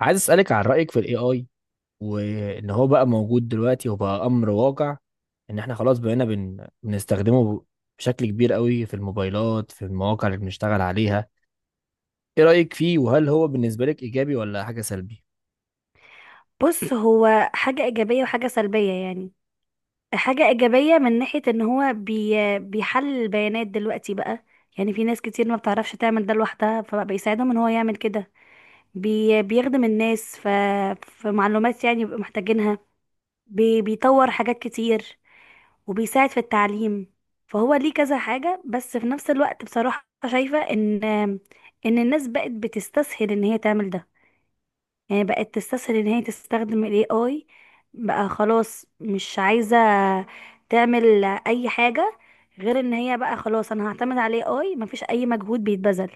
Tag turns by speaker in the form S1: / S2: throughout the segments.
S1: عايز اسالك عن رايك في الاي اي وان هو بقى موجود دلوقتي وبقى امر واقع، ان احنا خلاص بقينا بنستخدمه بشكل كبير قوي في الموبايلات، في المواقع اللي بنشتغل عليها. ايه رايك فيه وهل هو بالنسبه لك ايجابي ولا حاجه سلبي؟
S2: بص هو حاجة إيجابية وحاجة سلبية يعني. حاجة إيجابية من ناحية إن هو بيحلل البيانات دلوقتي بقى، يعني في ناس كتير ما بتعرفش تعمل ده لوحدها فبقى بيساعدهم إن هو يعمل كده. بيخدم الناس، في معلومات يعني بيبقوا محتاجينها. بيطور حاجات كتير وبيساعد في التعليم. فهو ليه كذا حاجة، بس في نفس الوقت بصراحة شايفة إن الناس بقت بتستسهل إن هي تعمل ده. يعني بقت تستسهل ان هي تستخدم ال AI، بقى خلاص مش عايزة تعمل اي حاجة غير ان هي بقى خلاص انا هعتمد على ال AI، مفيش اي مجهود بيتبذل.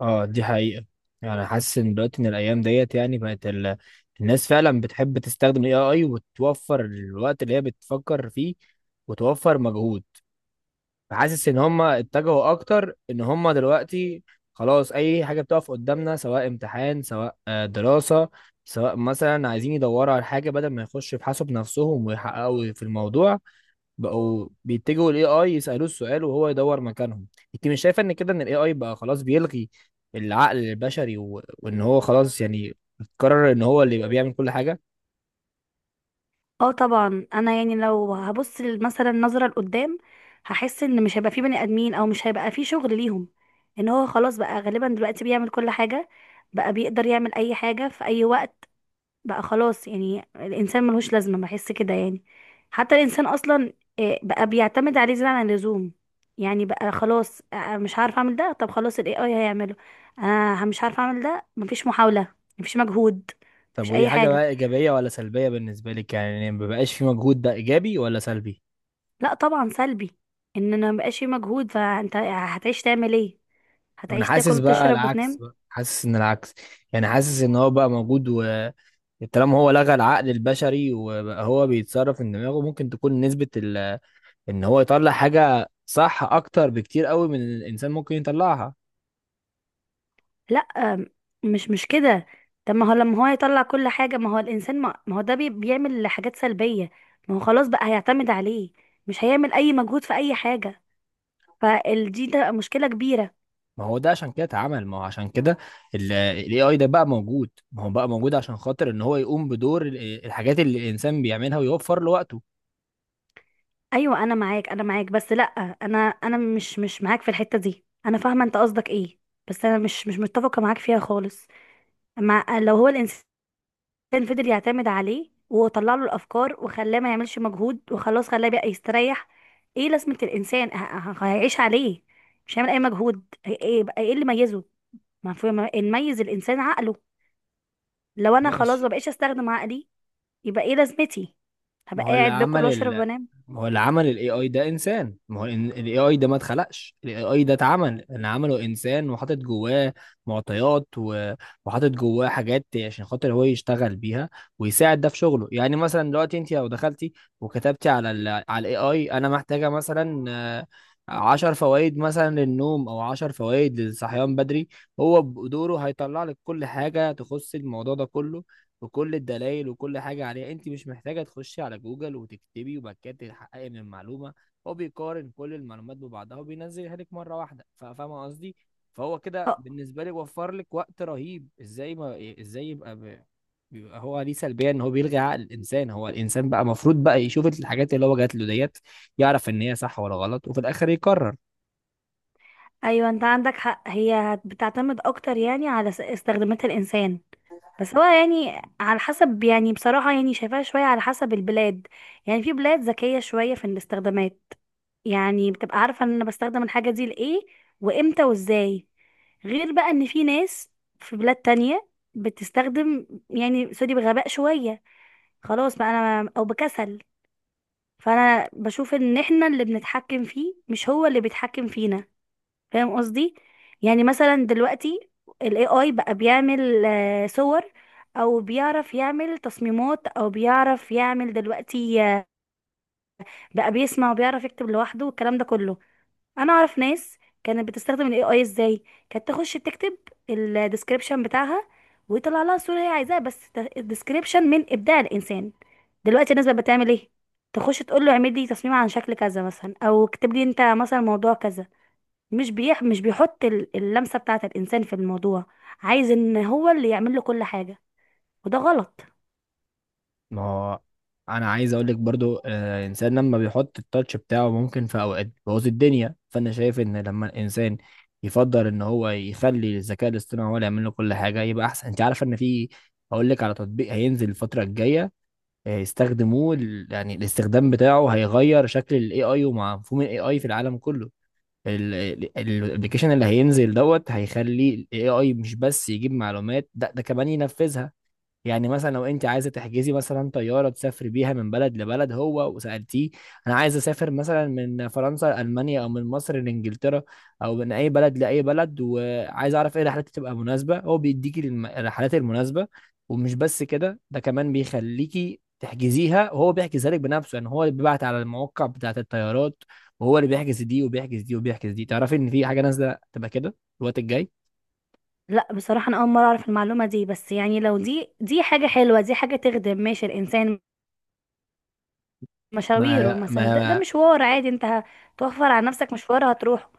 S1: اه، دي حقيقه. يعني حاسس ان دلوقتي ان الايام ديت يعني بقت الناس فعلا بتحب تستخدم الاي اي وتوفر الوقت اللي هي بتفكر فيه وتوفر مجهود. فحاسس ان هم اتجهوا اكتر ان هم دلوقتي خلاص اي حاجه بتقف قدامنا، سواء امتحان، سواء دراسه، سواء مثلا عايزين يدوروا على حاجه بدل ما يخشوا يبحثوا بنفسهم ويحققوا في الموضوع، بقوا بيتجهوا للاي اي يسالوه السؤال وهو يدور مكانهم. انت مش شايفه ان كده ان الاي اي بقى خلاص بيلغي العقل البشري وان هو خلاص يعني قرر ان هو اللي يبقى بيعمل كل حاجه؟
S2: اه طبعا، انا يعني لو هبص مثلا نظرة لقدام، هحس ان مش هيبقى في بني ادمين، او مش هيبقى في شغل ليهم. ان هو خلاص بقى غالبا دلوقتي بيعمل كل حاجة، بقى بيقدر يعمل اي حاجة في اي وقت. بقى خلاص يعني الانسان ملهوش لازمه، بحس كده يعني. حتى الانسان اصلا بقى بيعتمد عليه زياده عن اللزوم. يعني بقى خلاص مش عارف اعمل ده، طب خلاص الاي اي هيعمله. انا مش عارف اعمل ده، مفيش محاوله، مفيش مجهود،
S1: طب
S2: مفيش
S1: ودي
S2: اي
S1: حاجه
S2: حاجه.
S1: بقى ايجابيه ولا سلبيه بالنسبه لك؟ يعني ما بقاش في مجهود، ده ايجابي ولا سلبي؟
S2: لا طبعا سلبي. ان انا مبقاش في مجهود، فانت هتعيش تعمل ايه؟
S1: انا
S2: هتعيش تاكل
S1: حاسس بقى
S2: وتشرب
S1: العكس،
S2: وتنام.
S1: بقى حاسس ان العكس. يعني حاسس ان هو بقى موجود و طالما هو لغى العقل البشري وبقى هو بيتصرف من دماغه، ممكن تكون نسبة ان هو يطلع حاجة صح اكتر بكتير قوي من اللي الانسان ممكن يطلعها.
S2: لا، مش كده. طب ما هو لما هو يطلع كل حاجة، ما هو الإنسان ما هو ده بيعمل حاجات سلبية. ما هو خلاص بقى هيعتمد عليه، مش هيعمل أي مجهود في أي حاجة. فالدي ده مشكلة كبيرة.
S1: ما هو ده عشان كده اتعمل، ما هو عشان كده الاي اي ده بقى موجود، ما هو بقى موجود عشان خاطر ان هو يقوم بدور الحاجات اللي الانسان بيعملها ويوفر له وقته.
S2: أيوة أنا معاك أنا معاك، بس لأ، أنا مش معاك في الحتة دي. أنا فاهمة أنت قصدك إيه، بس أنا مش متفقة معاك فيها خالص. مع لو هو الإنسان كان فضل يعتمد عليه وطلع له الافكار وخلاه ما يعملش مجهود، وخلاص خلاه بقى يستريح، ايه لازمه الانسان؟ هيعيش عليه، مش هيعمل اي مجهود. ايه بقى ايه اللي ميزه؟ ما في اللي يميز الانسان عقله. لو انا خلاص
S1: ماشي.
S2: ما بقيتش استخدم عقلي، يبقى ايه لازمتي؟
S1: ما
S2: هبقى
S1: هو اللي
S2: قاعد باكل
S1: عمل
S2: واشرب وانام.
S1: ما هو اللي عمل الاي اي ده انسان، ما هو الاي اي ده ما اتخلقش، الاي اي ده اتعمل اللي عمله انسان وحاطط جواه معطيات وحاطط جواه حاجات عشان خاطر هو يشتغل بيها ويساعد ده في شغله. يعني مثلا دلوقتي انت لو دخلتي وكتبتي على على الاي اي، انا محتاجه مثلا 10 فوائد مثلا للنوم او 10 فوائد للصحيان بدري، هو بدوره هيطلع لك كل حاجه تخص الموضوع ده كله بكل الدلائل وكل حاجة عليها. انت مش محتاجة تخشي على جوجل وتكتبي وبعد كده تتحققي من المعلومة، هو بيقارن كل المعلومات ببعضها وبينزلها لك مرة واحدة. فاهمة قصدي؟ فهو كده بالنسبة لي وفر لك وقت رهيب. ازاي ما ازاي يبقى بيبقى هو ليه سلبية؟ ان هو بيلغي عقل الانسان؟ هو الانسان بقى المفروض بقى يشوف الحاجات اللي هو جات له ديت، يعرف ان هي صح ولا غلط وفي الاخر يقرر.
S2: ايوه انت عندك حق، هي بتعتمد اكتر يعني على استخدامات الانسان. بس هو يعني على حسب، يعني بصراحة يعني شايفاها شوية على حسب البلاد. يعني في بلاد ذكية شوية في الاستخدامات، يعني بتبقى عارفة ان انا بستخدم الحاجة دي لإيه وامتى وازاي، غير بقى ان في ناس في بلاد تانية بتستخدم، يعني سوري، بغباء شوية. خلاص بقى انا او بكسل. فانا بشوف ان احنا اللي بنتحكم فيه، مش هو اللي بيتحكم فينا، فاهم قصدي؟ يعني مثلا دلوقتي ال AI بقى بيعمل صور، او بيعرف يعمل تصميمات، او بيعرف يعمل دلوقتي بقى بيسمع وبيعرف يكتب لوحده والكلام ده كله. انا اعرف ناس كانت بتستخدم ال AI ازاي، كانت تخش تكتب الديسكريبشن بتاعها، ويطلع لها الصورة اللي هي عايزاها، بس الديسكريبشن من ابداع الانسان. دلوقتي الناس بقى بتعمل ايه؟ تخش تقول له اعمل لي تصميم عن شكل كذا مثلا، او اكتب لي انت مثلا موضوع كذا. مش بيحط اللمسة بتاعة الإنسان في الموضوع، عايز إن هو اللي يعمل له كل حاجة، وده غلط.
S1: ما هو انا عايز اقول لك برضو، الانسان لما بيحط التاتش بتاعه ممكن في اوقات بيبوظ الدنيا. فانا شايف ان لما الانسان يفضل ان هو يخلي الذكاء الاصطناعي هو اللي يعمل له كل حاجه يبقى احسن. انت عارفه ان في، هقول لك على تطبيق هينزل الفتره الجايه، يستخدموه يعني الاستخدام بتاعه هيغير شكل الاي اي ومفهوم الاي اي في العالم كله. الابلكيشن اللي هينزل دوت هيخلي الاي اي مش بس يجيب معلومات، ده ده كمان ينفذها. يعني مثلا لو انت عايزه تحجزي مثلا طياره تسافري بيها من بلد لبلد، هو وسالتيه انا عايز اسافر مثلا من فرنسا لالمانيا او من مصر لانجلترا او من اي بلد لاي بلد وعايز اعرف ايه الرحلات اللي تبقى مناسبه، هو بيديكي الرحلات المناسبه. ومش بس كده، ده كمان بيخليكي تحجزيها وهو بيحجزها لك بنفسه. يعني هو اللي بيبعت على المواقع بتاعه الطيارات وهو اللي بيحجز دي وبيحجز دي وبيحجز دي. تعرفي ان في حاجه نازله تبقى كده الوقت الجاي.
S2: لا بصراحة أنا أول مرة أعرف المعلومة دي، بس يعني لو دي حاجة حلوة، دي حاجة تخدم ماشي الإنسان مشاويره
S1: ما
S2: مثلا. ده
S1: ما
S2: مشوار عادي، أنت هتوفر على نفسك مشوار هتروحه.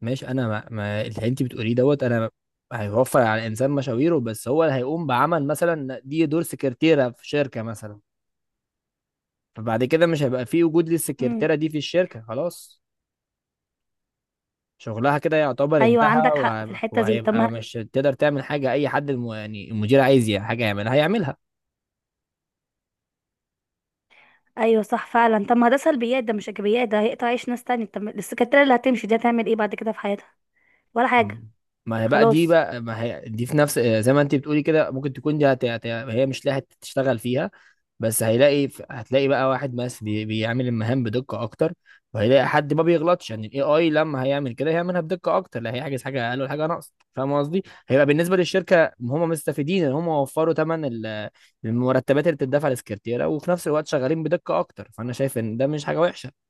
S1: ماشي، انا ما اللي انت بتقوليه دوت انا هيوفر على الانسان مشاويره، بس هو اللي هيقوم بعمل مثلا دي دور سكرتيره في شركه مثلا، فبعد كده مش هيبقى في وجود
S2: مم.
S1: للسكرتيره دي في الشركه. خلاص شغلها كده يعتبر
S2: أيوة
S1: انتهى.
S2: عندك حق في
S1: وهيبقى,
S2: الحتة دي، طب
S1: وهيبقى
S2: ما،
S1: مش تقدر تعمل حاجه اي حد يعني المدير عايز حاجه يعملها هيعملها.
S2: أيوة صح فعلا. طب ما ده سلبيات، ده مش إيجابيات، ده هيقطع عيش ناس تانية. طب السكرتيرة اللي هتمشي دي هتعمل إيه بعد كده في حياتها؟ ولا حاجة.
S1: م. ما هي بقى دي
S2: خلاص.
S1: بقى، ما هي دي في نفس زي ما انت بتقولي كده، ممكن تكون دي هي مش لاقيه تشتغل فيها، بس هيلاقي، هتلاقي بقى واحد بس بيعمل المهام بدقة أكتر. وهيلاقي حد ما بيغلطش، يعني الاي اي لما هيعمل كده هيعملها بدقة أكتر، لا هيحجز حاجة أقل ولا حاجة ناقص. فاهم قصدي؟ هيبقى بالنسبة للشركة هم مستفيدين إن هم وفروا ثمن المرتبات اللي بتدفع للسكرتيرة، وفي نفس الوقت شغالين بدقة أكتر، فأنا شايف إن ده مش حاجة وحشة.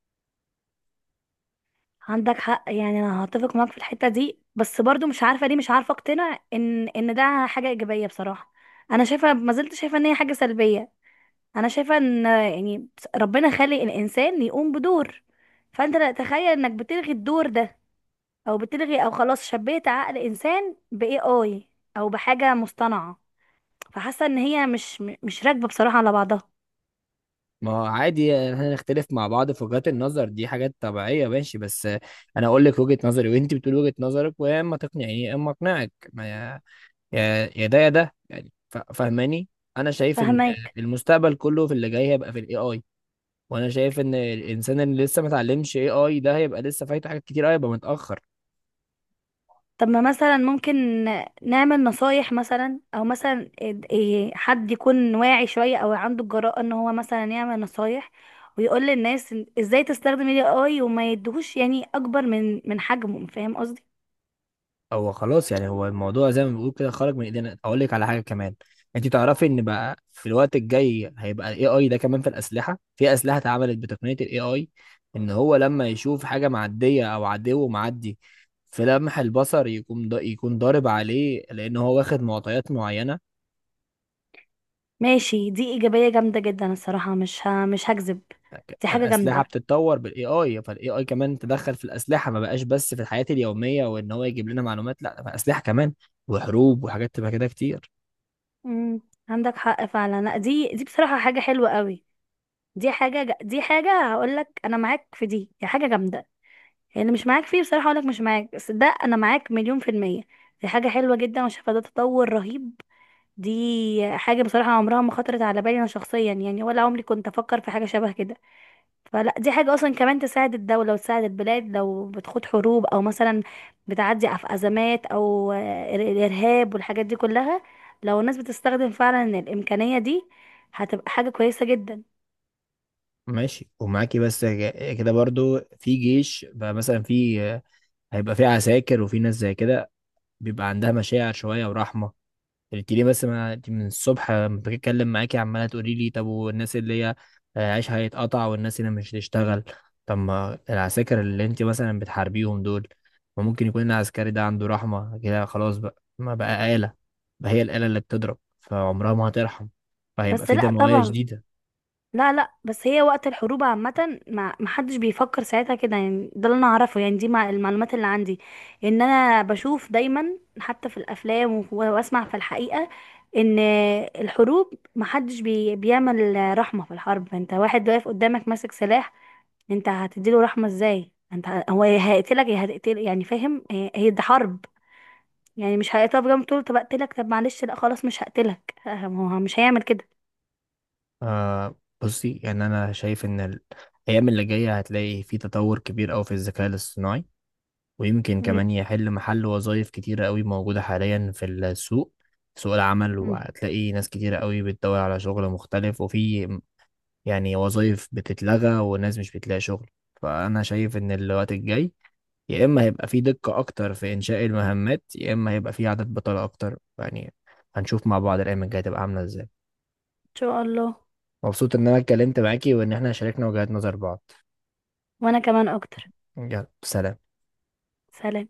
S2: عندك حق، يعني انا هتفق معاك في الحته دي، بس برضو مش عارفه ليه مش عارفه اقتنع ان ده حاجه ايجابيه بصراحه. انا شايفه، ما زلت شايفه ان هي حاجه سلبيه. انا شايفه ان يعني ربنا خلق الانسان يقوم بدور، فانت لا تخيل انك بتلغي الدور ده، او بتلغي، او خلاص شبيت عقل انسان باي اي، او بحاجه مصطنعه. فحاسه ان هي مش راكبه بصراحه على بعضها.
S1: ما هو عادي هنختلف مع بعض في وجهات النظر، دي حاجات طبيعية. ماشي، بس أنا أقول لك وجهة نظري وأنت بتقول وجهة نظرك، ويا إما تقنعني يا إما أقنعك. ما يا ده يا ده يعني فاهماني. انا شايف ان
S2: فهماك.
S1: المستقبل كله في اللي جاي هيبقى في الاي اي، وانا شايف ان الانسان اللي لسه ما اتعلمش اي اي ده هيبقى لسه فايته حاجات كتير أوي، هيبقى متاخر.
S2: طب ما مثلا ممكن نعمل نصايح مثلا، او مثلا إيه، حد يكون واعي شوية او عنده الجراءة ان هو مثلا يعمل نصايح، ويقول للناس ازاي تستخدم الاي اي وما يدهوش يعني اكبر من حجمه، فاهم قصدي؟
S1: هو خلاص يعني هو الموضوع زي ما بيقول كده خرج من ايدينا. اقول لك على حاجه كمان، انت تعرفي ان بقى في الوقت الجاي هيبقى الاي اي ده كمان في الاسلحه. في اسلحه اتعملت بتقنيه الاي اي، ان هو لما يشوف حاجه معديه او عدو معدي في لمح البصر يكون دا يكون ضارب عليه، لان هو واخد معطيات معينه.
S2: ماشي، دي ايجابية جامدة جدا الصراحة، مش هكذب. دي حاجة
S1: الاسلحه
S2: جامدة.
S1: بتتطور بالاي اي، فالاي اي كمان تدخل في الاسلحه، ما بقاش بس في الحياه اليوميه وان هو يجيب لنا معلومات، لا ده بقى اسلحه كمان وحروب وحاجات تبقى كده كتير.
S2: امم عندك حق فعلا. لا، دي بصراحة حاجة حلوة قوي. دي حاجة دي حاجة هقول لك انا معاك في دي دي حاجة جامدة، يعني مش معاك فيه بصراحة اقولك، مش معاك، بس ده انا معاك مليون في المية. دي حاجة حلوة جدا، وشايفة ده تطور رهيب. دي حاجة بصراحة عمرها ما خطرت على بالي انا شخصيا يعني، ولا عمري كنت افكر في حاجة شبه كده. فلا دي حاجة اصلا كمان تساعد الدولة وتساعد البلاد لو بتخوض حروب، او مثلا بتعدي في ازمات، او الارهاب والحاجات دي كلها. لو الناس بتستخدم فعلا الامكانية دي، هتبقى حاجة كويسة جدا.
S1: ماشي، ومعاكي بس كده برضو في جيش بقى مثلا، في، هيبقى في عساكر وفي ناس زي كده بيبقى عندها مشاعر شويه ورحمه. قلت لي بس ما أنت من الصبح لما بتكلم معاكي عماله تقولي لي طب والناس اللي هي عيشها هيتقطع والناس اللي مش هتشتغل. طب ما العساكر اللي انت مثلا بتحاربيهم دول، ما ممكن يكون العسكري ده عنده رحمه؟ كده خلاص بقى ما بقى آلة، بقى هي الآلة اللي بتضرب فعمرها ما هترحم، فهيبقى
S2: بس
S1: في
S2: لا
S1: دمويه
S2: طبعا.
S1: شديده.
S2: لا لا، بس هي وقت الحروب عامة ما حدش بيفكر ساعتها كده، يعني ده اللي انا اعرفه، يعني دي مع المعلومات اللي عندي، ان انا بشوف دايما حتى في الافلام واسمع في الحقيقة ان الحروب ما حدش بيعمل رحمة في الحرب. انت واحد واقف قدامك ماسك سلاح، انت هتديله رحمة ازاي؟ انت هو يا هيقتلك يا هتقتل، يعني فاهم، هي هي دي حرب. يعني مش هيقف جنب تقول له طب اقتلك، طب معلش، لا خلاص مش هقتلك، ما هو مش هيعمل كده.
S1: آه، بصي، يعني انا شايف ان الايام اللي جايه هتلاقي في تطور كبير قوي في الذكاء الاصطناعي، ويمكن
S2: مم.
S1: كمان يحل محل وظائف كتيرة قوي موجودة حاليا في السوق، سوق العمل،
S2: مم. ان
S1: وهتلاقي ناس كتيرة قوي بتدور على شغل مختلف، وفي يعني وظائف بتتلغى وناس مش بتلاقي شغل. فأنا شايف إن الوقت الجاي يا إما هيبقى في دقة أكتر في إنشاء المهمات، يا إما هيبقى في عدد بطالة أكتر. يعني هنشوف مع بعض الأيام الجاية تبقى عاملة إزاي.
S2: شاء الله.
S1: مبسوط إن أنا اتكلمت معاكي وإن إحنا شاركنا وجهات نظر بعض.
S2: وانا كمان اكتر.
S1: يلا، سلام.
S2: سلام.